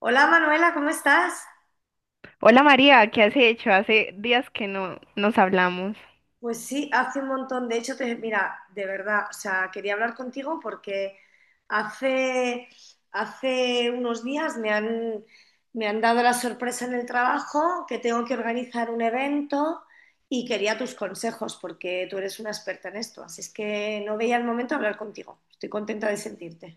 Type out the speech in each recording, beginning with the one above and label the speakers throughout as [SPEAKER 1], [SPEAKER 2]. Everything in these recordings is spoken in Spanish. [SPEAKER 1] Hola Manuela, ¿cómo estás?
[SPEAKER 2] Hola María, ¿qué has hecho? Hace días que no nos hablamos.
[SPEAKER 1] Pues sí, hace un montón. De hecho, te, mira, de verdad, o sea, quería hablar contigo porque hace, hace unos días me han dado la sorpresa en el trabajo que tengo que organizar un evento y quería tus consejos porque tú eres una experta en esto. Así es que no veía el momento de hablar contigo. Estoy contenta de sentirte.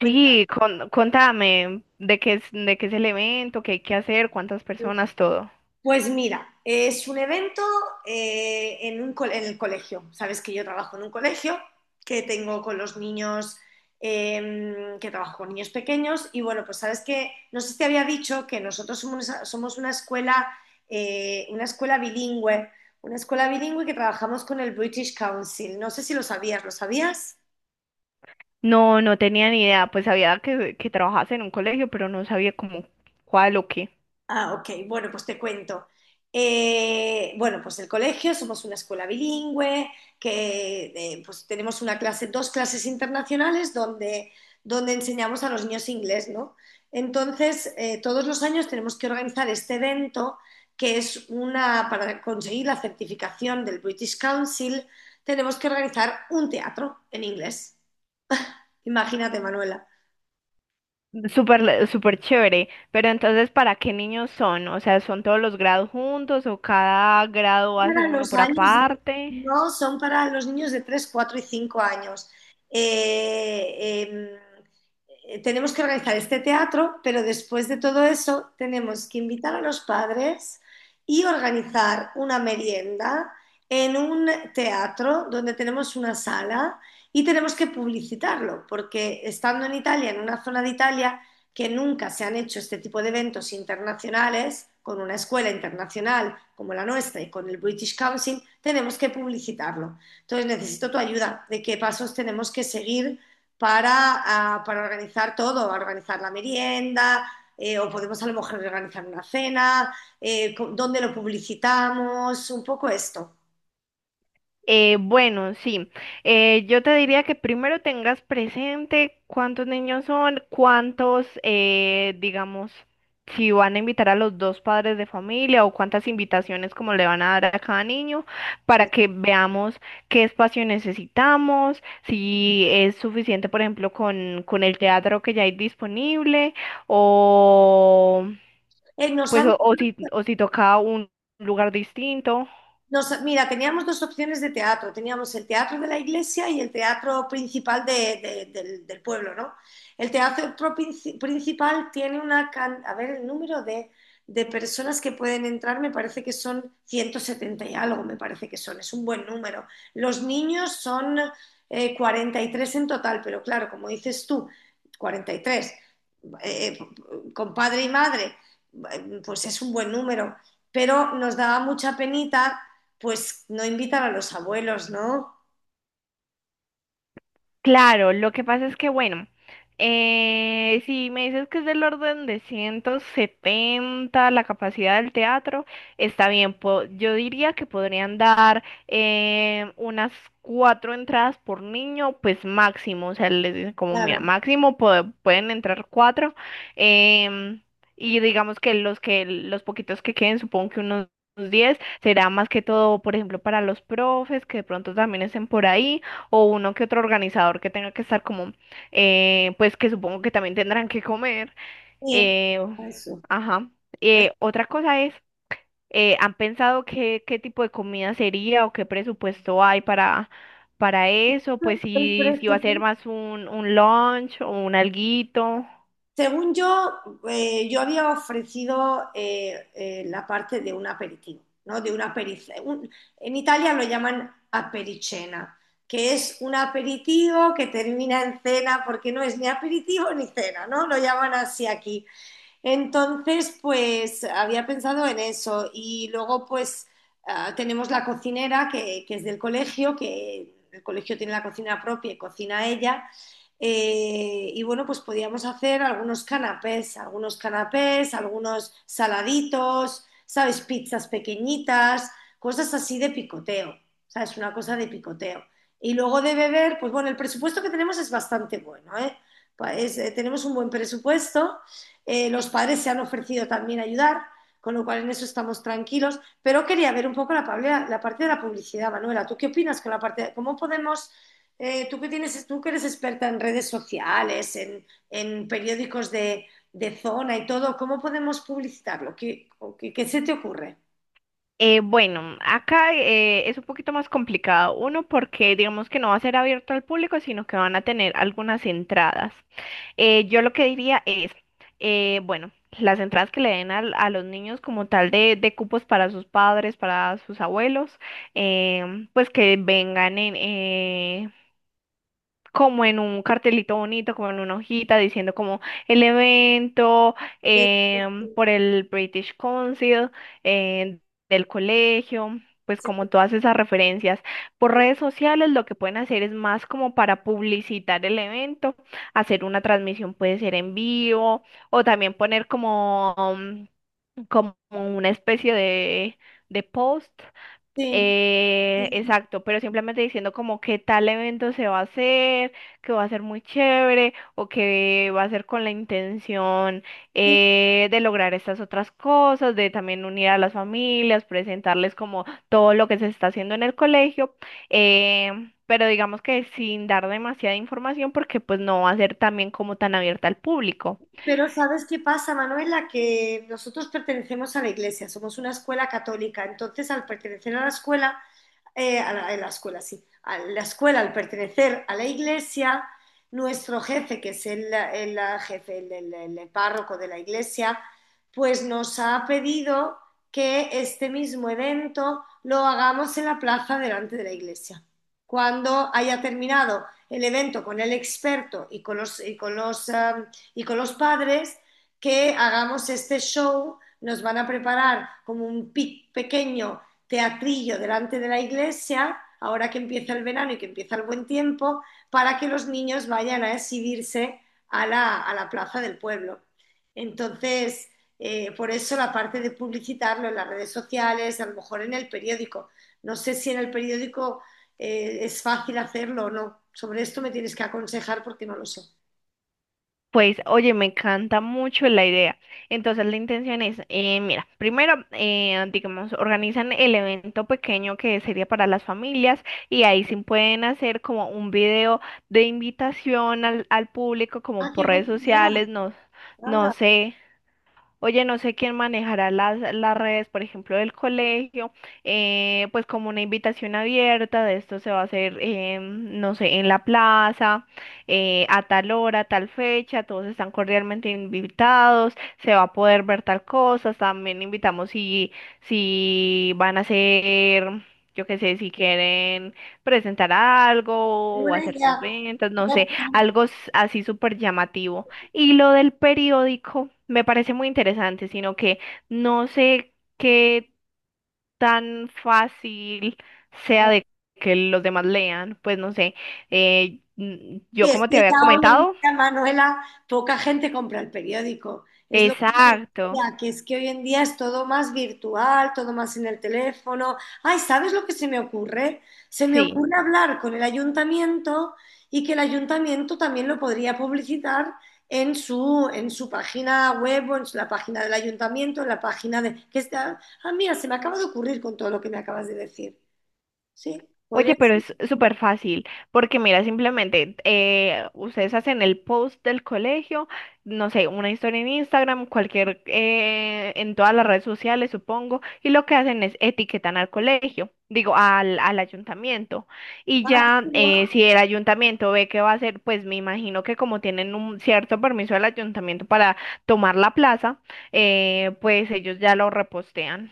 [SPEAKER 1] Cuéntame.
[SPEAKER 2] contame de qué es el evento, qué hay que hacer, cuántas personas, todo.
[SPEAKER 1] Pues mira, es un evento en un en el colegio. Sabes que yo trabajo en un colegio, que tengo con los niños, que trabajo con niños pequeños. Y bueno, pues sabes que, no sé si te había dicho que nosotros somos eh, una escuela bilingüe, una escuela bilingüe que trabajamos con el British Council. No sé si lo sabías, ¿lo sabías?
[SPEAKER 2] No, no tenía ni idea, pues sabía que trabajas en un colegio, pero no sabía cómo cuál o qué.
[SPEAKER 1] Ah, ok. Bueno, pues te cuento. Bueno, pues el colegio, somos una escuela bilingüe, que pues tenemos una clase, dos clases internacionales donde enseñamos a los niños inglés, ¿no? Entonces, todos los años tenemos que organizar este evento, que es una, para conseguir la certificación del British Council, tenemos que organizar un teatro en inglés. Imagínate, Manuela.
[SPEAKER 2] Súper, súper chévere, pero entonces, ¿para qué niños son? O sea, ¿son todos los grados juntos o cada grado hace
[SPEAKER 1] Para
[SPEAKER 2] uno
[SPEAKER 1] los
[SPEAKER 2] por
[SPEAKER 1] años de-
[SPEAKER 2] aparte?
[SPEAKER 1] no, son para los niños de 3, 4 y 5 años. Eh, em, tenemos que organizar este teatro, pero después de todo eso tenemos que invitar a los padres y organizar una merienda en un teatro donde tenemos una sala y tenemos que publicitarlo, porque estando en Italia, en una zona de Italia, que nunca se han hecho este tipo de eventos internacionales con una escuela internacional como la nuestra y con el British Council, tenemos que publicitarlo. Entonces necesito tu ayuda de qué pasos tenemos que seguir para organizar todo, organizar la merienda, o podemos a lo mejor organizar una cena, dónde lo publicitamos, un poco esto.
[SPEAKER 2] Bueno, sí. Yo te diría que primero tengas presente cuántos niños son, cuántos, digamos, si van a invitar a los dos padres de familia o cuántas invitaciones como le van a dar a cada niño para que veamos qué espacio necesitamos, si es suficiente, por ejemplo, con el teatro que ya hay disponible o
[SPEAKER 1] Eh, nos
[SPEAKER 2] pues
[SPEAKER 1] han
[SPEAKER 2] o si toca un lugar distinto.
[SPEAKER 1] Mira, teníamos dos opciones de teatro. Teníamos el teatro de la iglesia y el teatro principal del pueblo, ¿no? El teatro principal tiene una... a ver, el número de personas que pueden entrar me parece que son 170 y algo, me parece que son. Es un buen número. Los niños son 43 en total, pero claro, como dices tú, 43, eh, con padre y madre, pues es un buen número pero nos daba mucha penita pues no invitan a los abuelos, ¿no?
[SPEAKER 2] Claro, lo que pasa es que, bueno, si me dices que es del orden de 170 la capacidad del teatro, está bien. Yo diría que podrían dar unas 4 entradas por niño, pues máximo. O sea, les dicen como, mira,
[SPEAKER 1] Claro,
[SPEAKER 2] máximo pueden entrar 4. em, y digamos que los poquitos que queden, supongo que unos 10, será más que todo, por ejemplo, para los profes que de pronto también estén por ahí o uno que otro organizador que tenga que estar como, pues que supongo que también tendrán que comer.
[SPEAKER 1] sí,
[SPEAKER 2] eh,
[SPEAKER 1] eso.
[SPEAKER 2] ajá.
[SPEAKER 1] Pues,
[SPEAKER 2] Otra cosa es, ¿han pensado qué tipo de comida sería o qué presupuesto hay para eso? Pues
[SPEAKER 1] el
[SPEAKER 2] si, si va a ser
[SPEAKER 1] presupuesto-
[SPEAKER 2] más un lunch o un alguito.
[SPEAKER 1] según yo, yo había ofrecido la parte de un aperitivo, ¿no? De una aperice- un- en Italia lo llaman apericena, que es un aperitivo que termina en cena, porque no es ni aperitivo ni cena, ¿no? Lo llaman así aquí. Entonces, pues había pensado en eso. Y luego, pues tenemos la cocinera que es del colegio, que el colegio tiene la cocina propia y cocina ella. Y bueno, pues podíamos hacer algunos canapés, algunos canapés, algunos saladitos, ¿sabes? Pizzas pequeñitas, cosas así de picoteo, ¿sabes? Una cosa de picoteo. Y luego de beber, pues bueno, el presupuesto que tenemos es bastante bueno, ¿eh? Tenemos un buen presupuesto los padres se han ofrecido también a ayudar, con lo cual en eso estamos tranquilos. Pero quería ver un poco parte de la publicidad, Manuela. ¿Tú qué opinas con la parte? De, ¿cómo podemos, tú, que tienes, tú que eres experta en redes sociales, en periódicos de, zona y todo, ¿cómo podemos publicitarlo? ¿ qué se te ocurre?
[SPEAKER 2] Bueno, acá es un poquito más complicado. Uno, porque digamos que no va a ser abierto al público, sino que van a tener algunas entradas. Yo lo que diría es, bueno, las entradas que le den a los niños como tal de cupos para sus padres, para sus abuelos, pues que vengan como en un cartelito bonito, como en una hojita, diciendo como el evento
[SPEAKER 1] Sí.
[SPEAKER 2] por el British Council, eh, del colegio, pues como todas esas referencias. Por redes sociales lo que pueden hacer es más como para publicitar el evento, hacer una transmisión puede ser en vivo o también poner como, como una especie de post.
[SPEAKER 1] Sí. Sí, sí,
[SPEAKER 2] Exacto, pero simplemente diciendo como qué tal evento se va a hacer, que va a ser muy chévere o que va a ser con la intención
[SPEAKER 1] sí.
[SPEAKER 2] de lograr estas otras cosas, de también unir a las familias, presentarles como todo lo que se está haciendo en el colegio, eh, pero digamos que sin dar demasiada información porque pues no va a ser también como tan abierta al público.
[SPEAKER 1] Pero ¿sabes qué pasa, Manuela? Que nosotros pertenecemos a la iglesia, somos una escuela católica, entonces al pertenecer a la escuela a la escuela, sí, a la escuela al pertenecer a la iglesia, nuestro jefe, que es el jefe, el párroco de la iglesia, pues nos ha pedido que este mismo evento lo hagamos en la plaza delante de la iglesia. Cuando haya terminado el evento con el experto y y y con los padres, que hagamos este show, nos van a preparar como un pequeño teatrillo delante de la iglesia, ahora que empieza el verano y que empieza el buen tiempo, para que los niños vayan a exhibirse a a la plaza del pueblo. Entonces, por eso la parte de publicitarlo en las redes sociales, a lo mejor en el periódico. No sé si en el periódico es fácil hacerlo o no. Sobre esto me tienes que aconsejar porque no lo sé.
[SPEAKER 2] Pues, oye, me encanta mucho la idea. Entonces, la intención es, mira, primero, digamos, organizan el evento pequeño que sería para las familias y ahí sí pueden hacer como un video de invitación al público, como
[SPEAKER 1] Ah, qué
[SPEAKER 2] por redes
[SPEAKER 1] buena idea.
[SPEAKER 2] sociales, no, no sé. Oye, no sé quién manejará las redes, por ejemplo, del colegio, pues como una invitación abierta, de esto se va a hacer, no sé, en la plaza, a tal hora, tal fecha, todos están cordialmente invitados, se va a poder ver tal cosa, también invitamos si, si van a hacer, yo qué sé, si quieren presentar
[SPEAKER 1] Qué
[SPEAKER 2] algo o
[SPEAKER 1] buena
[SPEAKER 2] hacer sus
[SPEAKER 1] idea.
[SPEAKER 2] ventas, no sé, algo así súper llamativo. Y lo del periódico me parece muy interesante, sino que no sé qué tan fácil sea de que los demás lean, pues no sé. Yo
[SPEAKER 1] Sí, es
[SPEAKER 2] como te
[SPEAKER 1] que
[SPEAKER 2] había
[SPEAKER 1] ya hoy en
[SPEAKER 2] comentado,
[SPEAKER 1] día, Manuela, poca gente compra el periódico. Es lo que te
[SPEAKER 2] exacto,
[SPEAKER 1] decía, que es que hoy en día es todo más virtual, todo más en el teléfono. Ay, ¿sabes lo que se me ocurre? Se me
[SPEAKER 2] sí.
[SPEAKER 1] ocurre hablar con el ayuntamiento y que el ayuntamiento también lo podría publicitar en su página web o en la página del ayuntamiento, en la página de... Que está... Ah, mira, se me acaba de ocurrir con todo lo que me acabas de decir. Sí,
[SPEAKER 2] Oye,
[SPEAKER 1] podría
[SPEAKER 2] pero
[SPEAKER 1] ser.
[SPEAKER 2] es súper fácil, porque mira, simplemente ustedes hacen el post del colegio, no sé, una historia en Instagram, cualquier, en todas las redes sociales, supongo, y lo que hacen es etiquetan al colegio, digo, al ayuntamiento. Y ya,
[SPEAKER 1] ¿No?
[SPEAKER 2] si el ayuntamiento ve que va a hacer, pues me imagino que como tienen un cierto permiso del ayuntamiento para tomar la plaza, pues ellos ya lo repostean,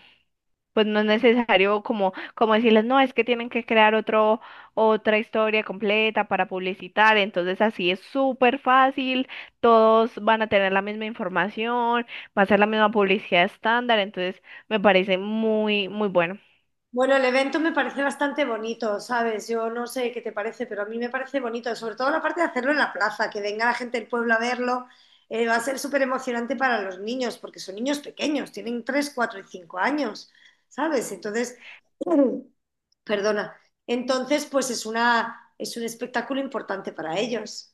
[SPEAKER 2] pues no es necesario como, como decirles, no, es que tienen que crear otra historia completa para publicitar, entonces así es súper fácil, todos van a tener la misma información, va a ser la misma publicidad estándar, entonces me parece muy bueno.
[SPEAKER 1] Bueno, el evento me parece bastante bonito, ¿sabes? Yo no sé qué te parece, pero a mí me parece bonito, sobre todo la parte de hacerlo en la plaza, que venga la gente del pueblo a verlo, va a ser súper emocionante para los niños, porque son niños pequeños, tienen 3, 4 y cinco años, ¿sabes? Entonces, perdona, entonces pues es un espectáculo importante para ellos.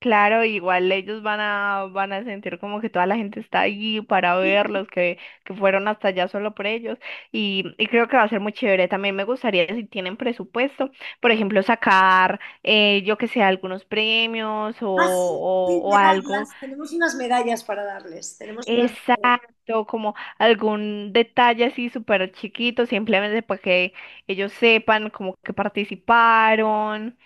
[SPEAKER 2] Claro, igual ellos van a, van a sentir como que toda la gente está allí para verlos, que fueron hasta allá solo por ellos. Y creo que va a ser muy chévere. También me gustaría, si tienen presupuesto, por ejemplo, sacar, yo que sé, algunos premios
[SPEAKER 1] Ah, sí, sí,
[SPEAKER 2] o algo.
[SPEAKER 1] medallas, tenemos unas medallas para darles, tenemos unas...
[SPEAKER 2] Exacto, como algún detalle así súper chiquito, simplemente para que ellos sepan como que participaron,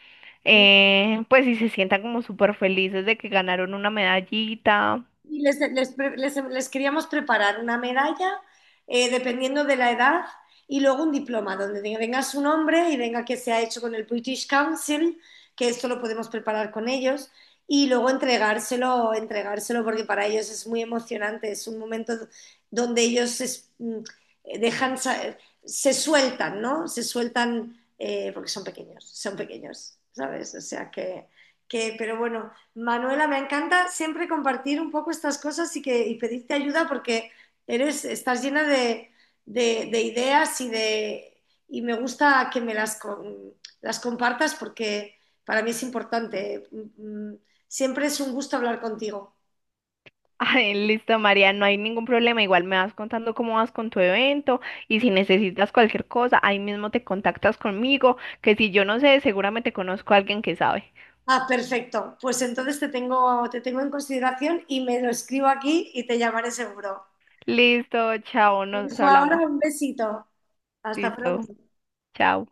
[SPEAKER 2] pues y se sientan como súper felices de que ganaron una medallita.
[SPEAKER 1] Y les queríamos preparar una medalla, dependiendo de la edad, y luego un diploma donde venga su nombre y venga que se ha hecho con el British Council, que esto lo podemos preparar con ellos, y luego entregárselo porque para ellos es muy emocionante, es un momento donde dejan, se sueltan, ¿no? Se sueltan porque son pequeños, ¿sabes? O sea que pero bueno. Manuela, me encanta siempre compartir un poco estas cosas y y pedirte ayuda porque eres, estás llena de, de ideas y, de, y me gusta que me las compartas porque para mí es importante. Siempre es un gusto hablar contigo.
[SPEAKER 2] Ay, listo, María, no hay ningún problema. Igual me vas contando cómo vas con tu evento y si necesitas cualquier cosa, ahí mismo te contactas conmigo, que si yo no sé, seguramente conozco a alguien que sabe.
[SPEAKER 1] Ah, perfecto. Pues entonces te tengo en consideración y me lo escribo aquí y te llamaré seguro.
[SPEAKER 2] Listo, chao,
[SPEAKER 1] Te
[SPEAKER 2] nos
[SPEAKER 1] Ahora
[SPEAKER 2] hablamos.
[SPEAKER 1] un besito. Hasta
[SPEAKER 2] Listo,
[SPEAKER 1] pronto.
[SPEAKER 2] chao.